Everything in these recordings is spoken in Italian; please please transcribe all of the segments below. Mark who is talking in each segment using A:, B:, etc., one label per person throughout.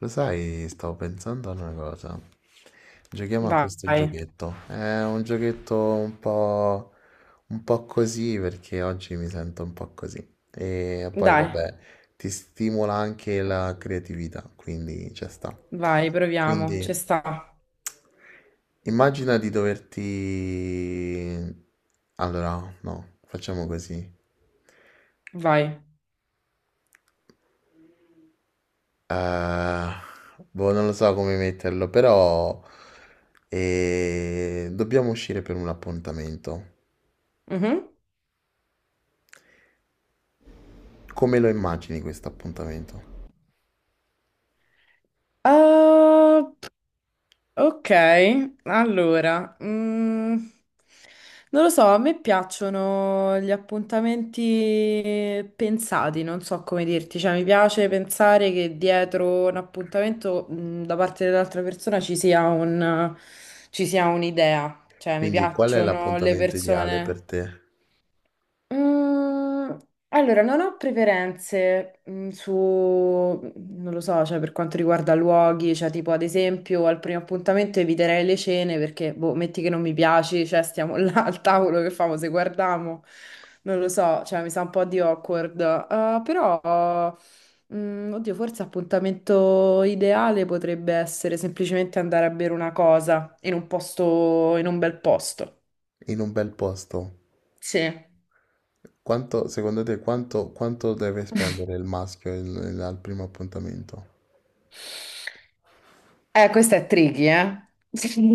A: Lo sai, stavo pensando ad una cosa. Giochiamo a questo
B: Vai,
A: giochetto. È un giochetto un po' così perché oggi mi sento un po' così. E poi,
B: dai,
A: vabbè, ti stimola anche la creatività, quindi ci sta.
B: vai, proviamo,
A: Quindi,
B: ci sta,
A: immagina di doverti... Allora, no, facciamo così.
B: vai.
A: Eh, boh, non lo so come metterlo, però dobbiamo uscire per un appuntamento.
B: Mhm.
A: Come lo immagini questo appuntamento?
B: Ah, ok, allora, non lo so, a me piacciono gli appuntamenti pensati, non so come dirti, cioè mi piace pensare che dietro un appuntamento, da parte dell'altra persona ci sia un'idea, cioè mi
A: Quindi, qual è
B: piacciono le
A: l'appuntamento ideale
B: persone.
A: per te?
B: Mm, allora, non ho preferenze su, non lo so, cioè per quanto riguarda luoghi, cioè tipo ad esempio al primo appuntamento eviterei le cene perché, boh, metti che non mi piaci, cioè stiamo là al tavolo, che famo se guardiamo? Non lo so, cioè mi sa un po' di awkward. Però, oddio, forse appuntamento ideale potrebbe essere semplicemente andare a bere una cosa in un posto, in un bel posto.
A: In un bel posto?
B: Sì.
A: Quanto, secondo te, quanto deve spendere il maschio al primo appuntamento?
B: Questa è tricky, eh?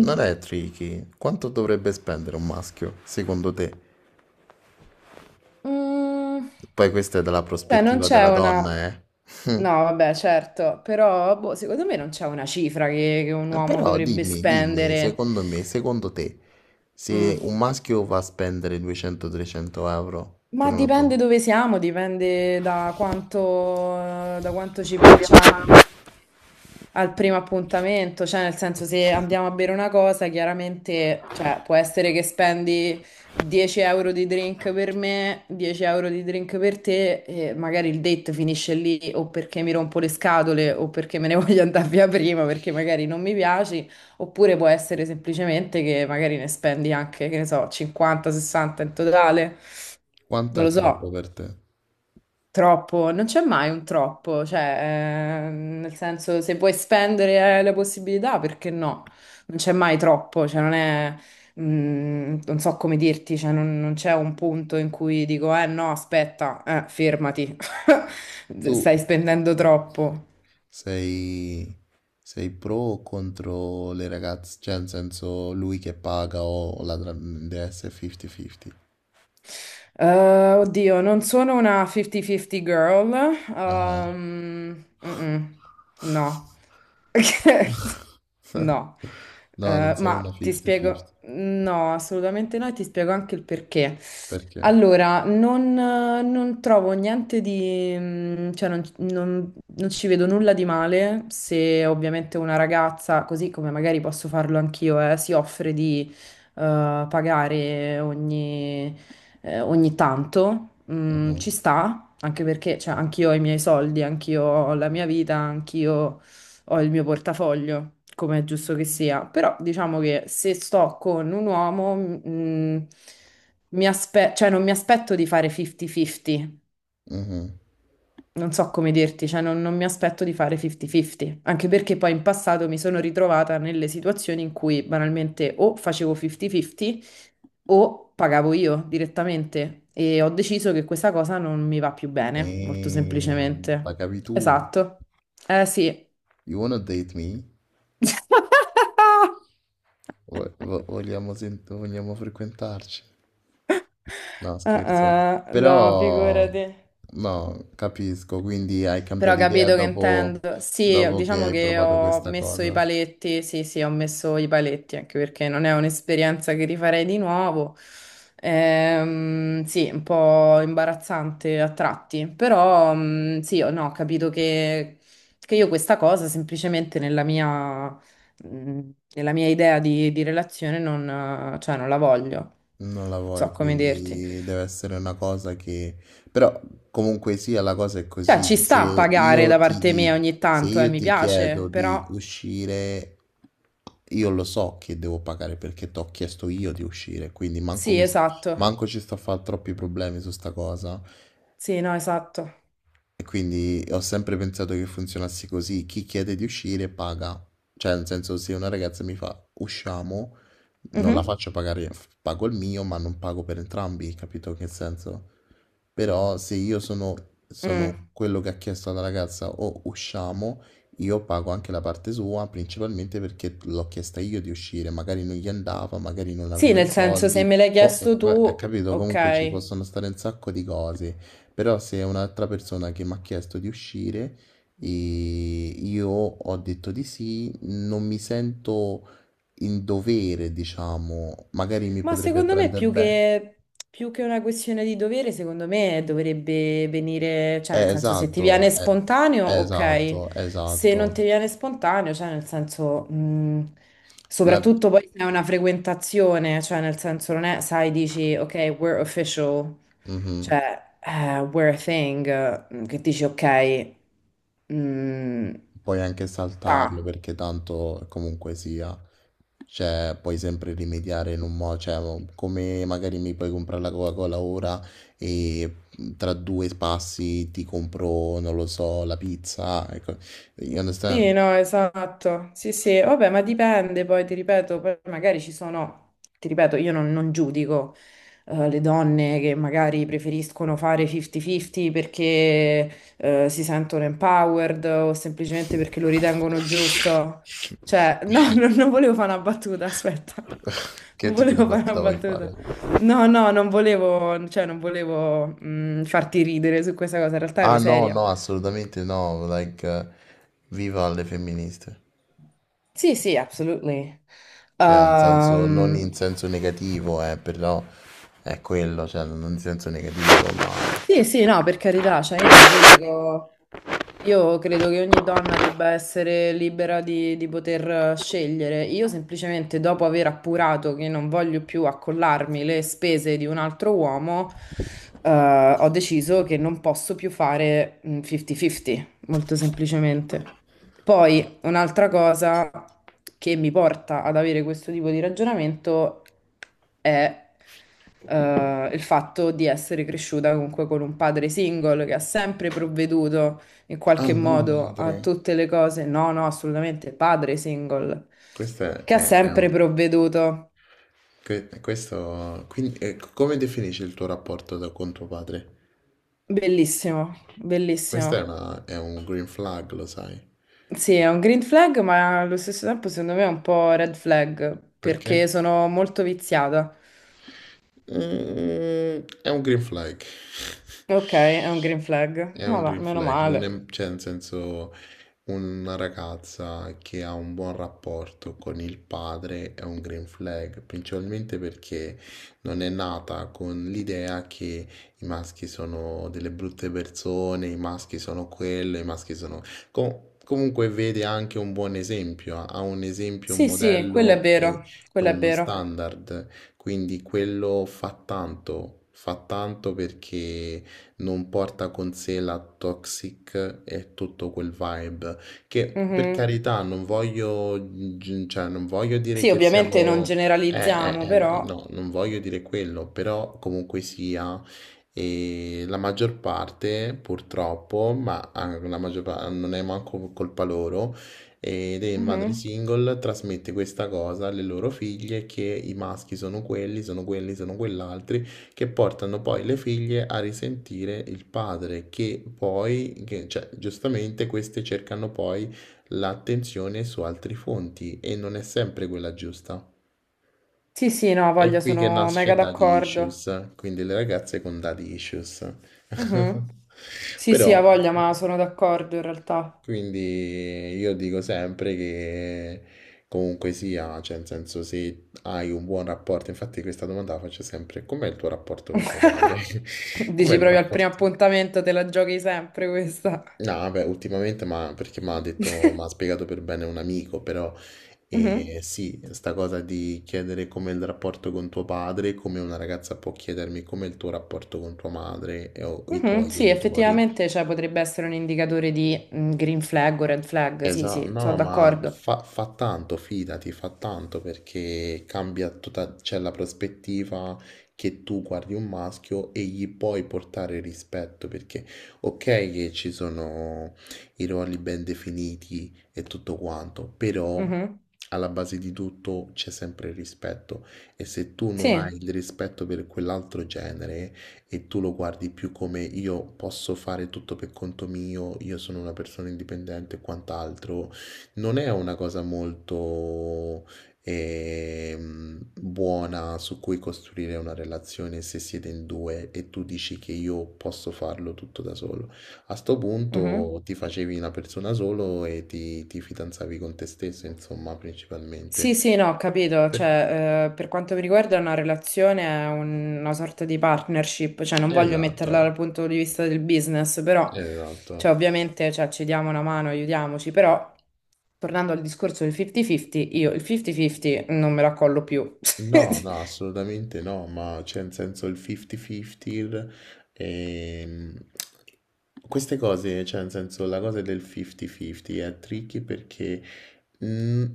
A: Non è tricky. Quanto dovrebbe spendere un maschio, secondo te?
B: Mm.
A: Poi questa è dalla
B: Cioè, non
A: prospettiva della
B: c'è una...
A: donna, eh?
B: No, vabbè, certo, però boh, secondo me non c'è una cifra che un
A: Ma
B: uomo
A: Però
B: dovrebbe
A: dimmi,
B: spendere.
A: secondo me, secondo te, se
B: Mm.
A: un maschio va a spendere 200-300 euro per
B: Ma
A: una
B: dipende
A: puntata,
B: dove siamo, dipende da quanto ci piacciamo. Al primo appuntamento, cioè nel senso se andiamo a bere una cosa, chiaramente, cioè, può essere che spendi 10 euro di drink per me, 10 euro di drink per te e magari il date finisce lì o perché mi rompo le scatole o perché me ne voglio andare via prima perché magari non mi piaci, oppure può essere semplicemente che magari ne spendi anche, che ne so, 50, 60 in totale,
A: quanto
B: non
A: è
B: lo so.
A: troppo per te?
B: Troppo, non c'è mai un troppo, cioè, nel senso, se vuoi spendere le possibilità, perché no? Non c'è mai troppo, cioè, non è, non so come dirti, cioè, non c'è un punto in cui dico, eh no, aspetta, fermati,
A: Tu
B: stai spendendo troppo.
A: sei, sei pro o contro le ragazze? Cioè, nel senso, lui che paga o deve essere 50-50?
B: Eh, oddio, non sono una 50-50 girl,
A: Ah.
B: mm-mm, no. No.
A: No, non sei una
B: Ma ti spiego,
A: 50-50.
B: no, assolutamente no, e ti spiego anche il perché.
A: Perché?
B: Allora, non trovo niente di, cioè non ci vedo nulla di male se ovviamente una ragazza, così come magari posso farlo anch'io, si offre di pagare ogni tanto,
A: Mhm,
B: ci sta, anche perché cioè, anch'io ho i miei soldi, anch'io ho la mia vita, anch'io ho il mio portafoglio, come è giusto che sia, però diciamo che se sto con un uomo, cioè non mi aspetto di fare 50-50,
A: mhm.
B: non so come dirti, cioè non mi aspetto di fare 50-50, anche perché poi in passato mi sono ritrovata nelle situazioni in cui banalmente o facevo 50-50 o pagavo io direttamente e ho deciso che questa cosa non mi va più bene, molto semplicemente.
A: Pagavi tu?
B: Esatto. Eh sì.
A: You wanna date me? Vogliamo frequentarci? No,
B: Ah,
A: scherzo.
B: ah, no,
A: Però,
B: figurati.
A: no, capisco, quindi hai
B: Però
A: cambiato idea
B: capito che
A: dopo,
B: intendo. Sì,
A: dopo che
B: diciamo
A: hai
B: che
A: provato
B: ho
A: questa
B: messo i
A: cosa.
B: paletti, sì, sì, ho messo i paletti, anche perché non è un'esperienza che rifarei di nuovo. Sì, un po' imbarazzante a tratti, però sì, o no, ho capito che io questa cosa semplicemente mm, nella mia idea di relazione non, cioè, non la voglio. Non
A: Non la
B: so
A: vuoi,
B: come dirti.
A: quindi deve essere una cosa che... Però comunque sia, la cosa è
B: Cioè, ci
A: così.
B: sta a pagare
A: Io
B: da
A: ti,
B: parte
A: di-
B: mia ogni
A: se
B: tanto,
A: io
B: mi
A: ti chiedo
B: piace, però
A: di uscire, io lo so che devo pagare perché ti ho chiesto io di uscire, quindi manco,
B: sì,
A: mi-
B: esatto.
A: manco ci sto a fare troppi problemi su sta cosa.
B: Sì, no, esatto.
A: E quindi ho sempre pensato che funzionasse così, chi chiede di uscire paga. Cioè, nel senso, se una ragazza mi fa usciamo, non la
B: Mhm.
A: faccio pagare, pago il mio, ma non pago per entrambi, capito che senso? Però se io sono,
B: Mm.
A: sono quello che ha chiesto alla ragazza o usciamo, io pago anche la parte sua, principalmente perché l'ho chiesta io di uscire, magari non gli andava, magari non
B: Sì,
A: aveva i
B: nel senso, se
A: soldi,
B: me l'hai
A: o,
B: chiesto
A: ha
B: tu,
A: capito, comunque ci
B: ok.
A: possono stare un sacco di cose, però se è un'altra persona che mi ha chiesto di uscire e io ho detto di sì, non mi sento in dovere, diciamo, magari mi
B: Ma
A: potrebbe
B: secondo me
A: prendere
B: più
A: bene.
B: che, più che una questione di dovere, secondo me dovrebbe venire, cioè, nel senso, se ti
A: Esatto,
B: viene spontaneo, ok.
A: esatto,
B: Se non
A: esatto.
B: ti viene spontaneo, cioè, nel senso,
A: La-
B: soprattutto poi se è una frequentazione, cioè, nel senso, non è, sai, dici, ok, we're official.
A: Mhm.
B: Cioè, We're a Thing, che dici, ok, mm,
A: Puoi anche saltarlo
B: sta.
A: perché tanto comunque sia, cioè puoi sempre rimediare in un modo, cioè come magari mi puoi comprare la Coca-Cola ora e tra due passi ti compro, non lo so, la pizza, ecco, you understand?
B: Sì, no, esatto. Sì, sì, vabbè, ma dipende poi, ti ripeto, poi magari ci sono, ti ripeto, io non giudico le donne che magari preferiscono fare 50-50 perché si sentono empowered o semplicemente perché lo ritengono giusto. Cioè, no, non volevo fare una battuta, aspetta.
A: Che
B: Non
A: tipo di
B: volevo fare una
A: battuta vuoi fare?
B: battuta. No, no, non volevo, cioè, non volevo farti ridere su questa cosa, in realtà
A: Ah
B: ero
A: no,
B: seria.
A: no, assolutamente no, like, viva le femministe,
B: Sì, sì, absolutely.
A: cioè, in senso, non in
B: Ehm,
A: senso negativo, però è quello, cioè, non in senso negativo, ma...
B: sì, sì, no, per carità, cioè io non giudico. Io credo che ogni donna debba essere libera di poter scegliere. Io semplicemente dopo aver appurato che non voglio più accollarmi le spese di un altro uomo, eh, ho deciso che non posso più fare 50-50, molto semplicemente. Poi un'altra cosa che mi porta ad avere questo tipo di ragionamento è il fatto di essere cresciuta comunque con un padre single che ha sempre provveduto in
A: Ah
B: qualche
A: no,
B: modo
A: madre,
B: a tutte le cose. No, no, assolutamente, padre single,
A: questo
B: che ha
A: è un-
B: sempre provveduto.
A: que- questo, quindi, come definisci il tuo rapporto con tuo padre?
B: Bellissimo,
A: Questo è
B: bellissimo.
A: un green flag, lo sai,
B: Sì, è un green flag, ma allo stesso tempo secondo me è un po' red flag, perché
A: perché?
B: sono molto viziata.
A: È un green flag.
B: Ok, è un green flag,
A: È
B: ma
A: un
B: va,
A: green
B: meno
A: flag, non
B: male.
A: è, cioè, nel senso. Una ragazza che ha un buon rapporto con il padre è un green flag, principalmente perché non è nata con l'idea che i maschi sono delle brutte persone, i maschi sono quello, i maschi sono... Comunque vede anche un buon esempio, ha un esempio, un
B: Sì, sì, quello è
A: modello e,
B: vero,
A: e
B: quello è
A: uno
B: vero.
A: standard, quindi quello fa tanto perché non porta con sé la toxic e tutto quel vibe che per
B: Mhm.
A: carità non voglio, cioè, non voglio dire
B: Sì,
A: che
B: ovviamente non
A: siamo, eh, eh,
B: generalizziamo, però...
A: no, non voglio dire quello, però comunque sia, e la maggior parte purtroppo, ma anche la maggior parte non è manco colpa loro, ed è madre
B: Mhm.
A: single, trasmette questa cosa alle loro figlie che i maschi sono quelli, sono quelli, sono quell'altro che portano poi le figlie a risentire il padre, che poi, cioè, giustamente queste cercano poi l'attenzione su altre fonti e non è sempre quella giusta.
B: Sì, sì, no,
A: È
B: voglia,
A: qui che
B: sono mega
A: nasce Daddy
B: d'accordo.
A: Issues, quindi le ragazze con Daddy Issues.
B: Mhm. Sì, sì, ha
A: Però
B: voglia, ma sono d'accordo in realtà.
A: quindi io dico sempre che comunque sia, cioè nel senso se hai un buon rapporto, infatti questa domanda la faccio sempre, com'è il tuo rapporto con tuo padre? Com'è
B: Dici
A: il
B: proprio al
A: rapporto?
B: primo appuntamento te la giochi sempre questa.
A: No, vabbè, ultimamente, ma perché mi ha detto, mi ha spiegato per bene un amico, però
B: Mhm,
A: sì, sta cosa di chiedere com'è il rapporto con tuo padre, come una ragazza può chiedermi com'è il tuo rapporto con tua madre o i
B: mhm,
A: tuoi
B: sì,
A: genitori.
B: effettivamente, cioè, potrebbe essere un indicatore di green flag o red flag. Sì,
A: Esatto,
B: sì, sono
A: no, ma
B: d'accordo.
A: fa tanto, fidati, fa tanto perché cambia tutta, c'è la prospettiva che tu guardi un maschio e gli puoi portare rispetto, perché ok che ci sono i ruoli ben definiti e tutto quanto, però
B: Mhm,
A: alla base di tutto c'è sempre il rispetto e se tu non hai
B: Sì.
A: il rispetto per quell'altro genere, e tu lo guardi più come io posso fare tutto per conto mio, io sono una persona indipendente e quant'altro, non è una cosa molto buona su cui costruire una relazione se siete in due e tu dici che io posso farlo tutto da solo. A sto
B: Mhm.
A: punto ti facevi una persona solo e ti fidanzavi con te stesso, insomma,
B: Sì,
A: principalmente.
B: sì, no, ho capito,
A: Per-
B: cioè, per quanto mi riguarda una relazione è una sorta di partnership, cioè non voglio
A: Esatto,
B: metterla dal punto di vista del business, però,
A: esatto.
B: cioè, ovviamente, cioè, ci diamo una mano, aiutiamoci, però, tornando al discorso del 50-50, io il 50-50 non me la collo più.
A: No, no, assolutamente no, ma c'è in senso il 50-50, ehm, queste cose, cioè nel senso la cosa del 50-50 è tricky perché mm,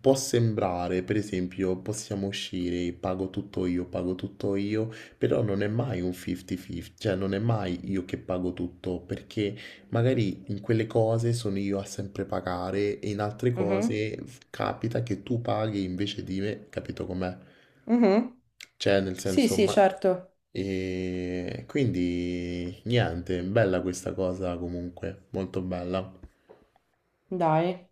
A: può sembrare, per esempio, possiamo uscire, pago tutto io, però non è mai un 50-50, cioè non è mai io che pago tutto, perché magari in quelle cose sono io a sempre pagare e in altre
B: Mhm,
A: cose capita che tu paghi invece di me, capito com'è?
B: mhm.
A: Cioè, nel
B: Sì,
A: senso,
B: sì,
A: ma...
B: certo,
A: E quindi niente, bella questa cosa comunque, molto bella.
B: dai.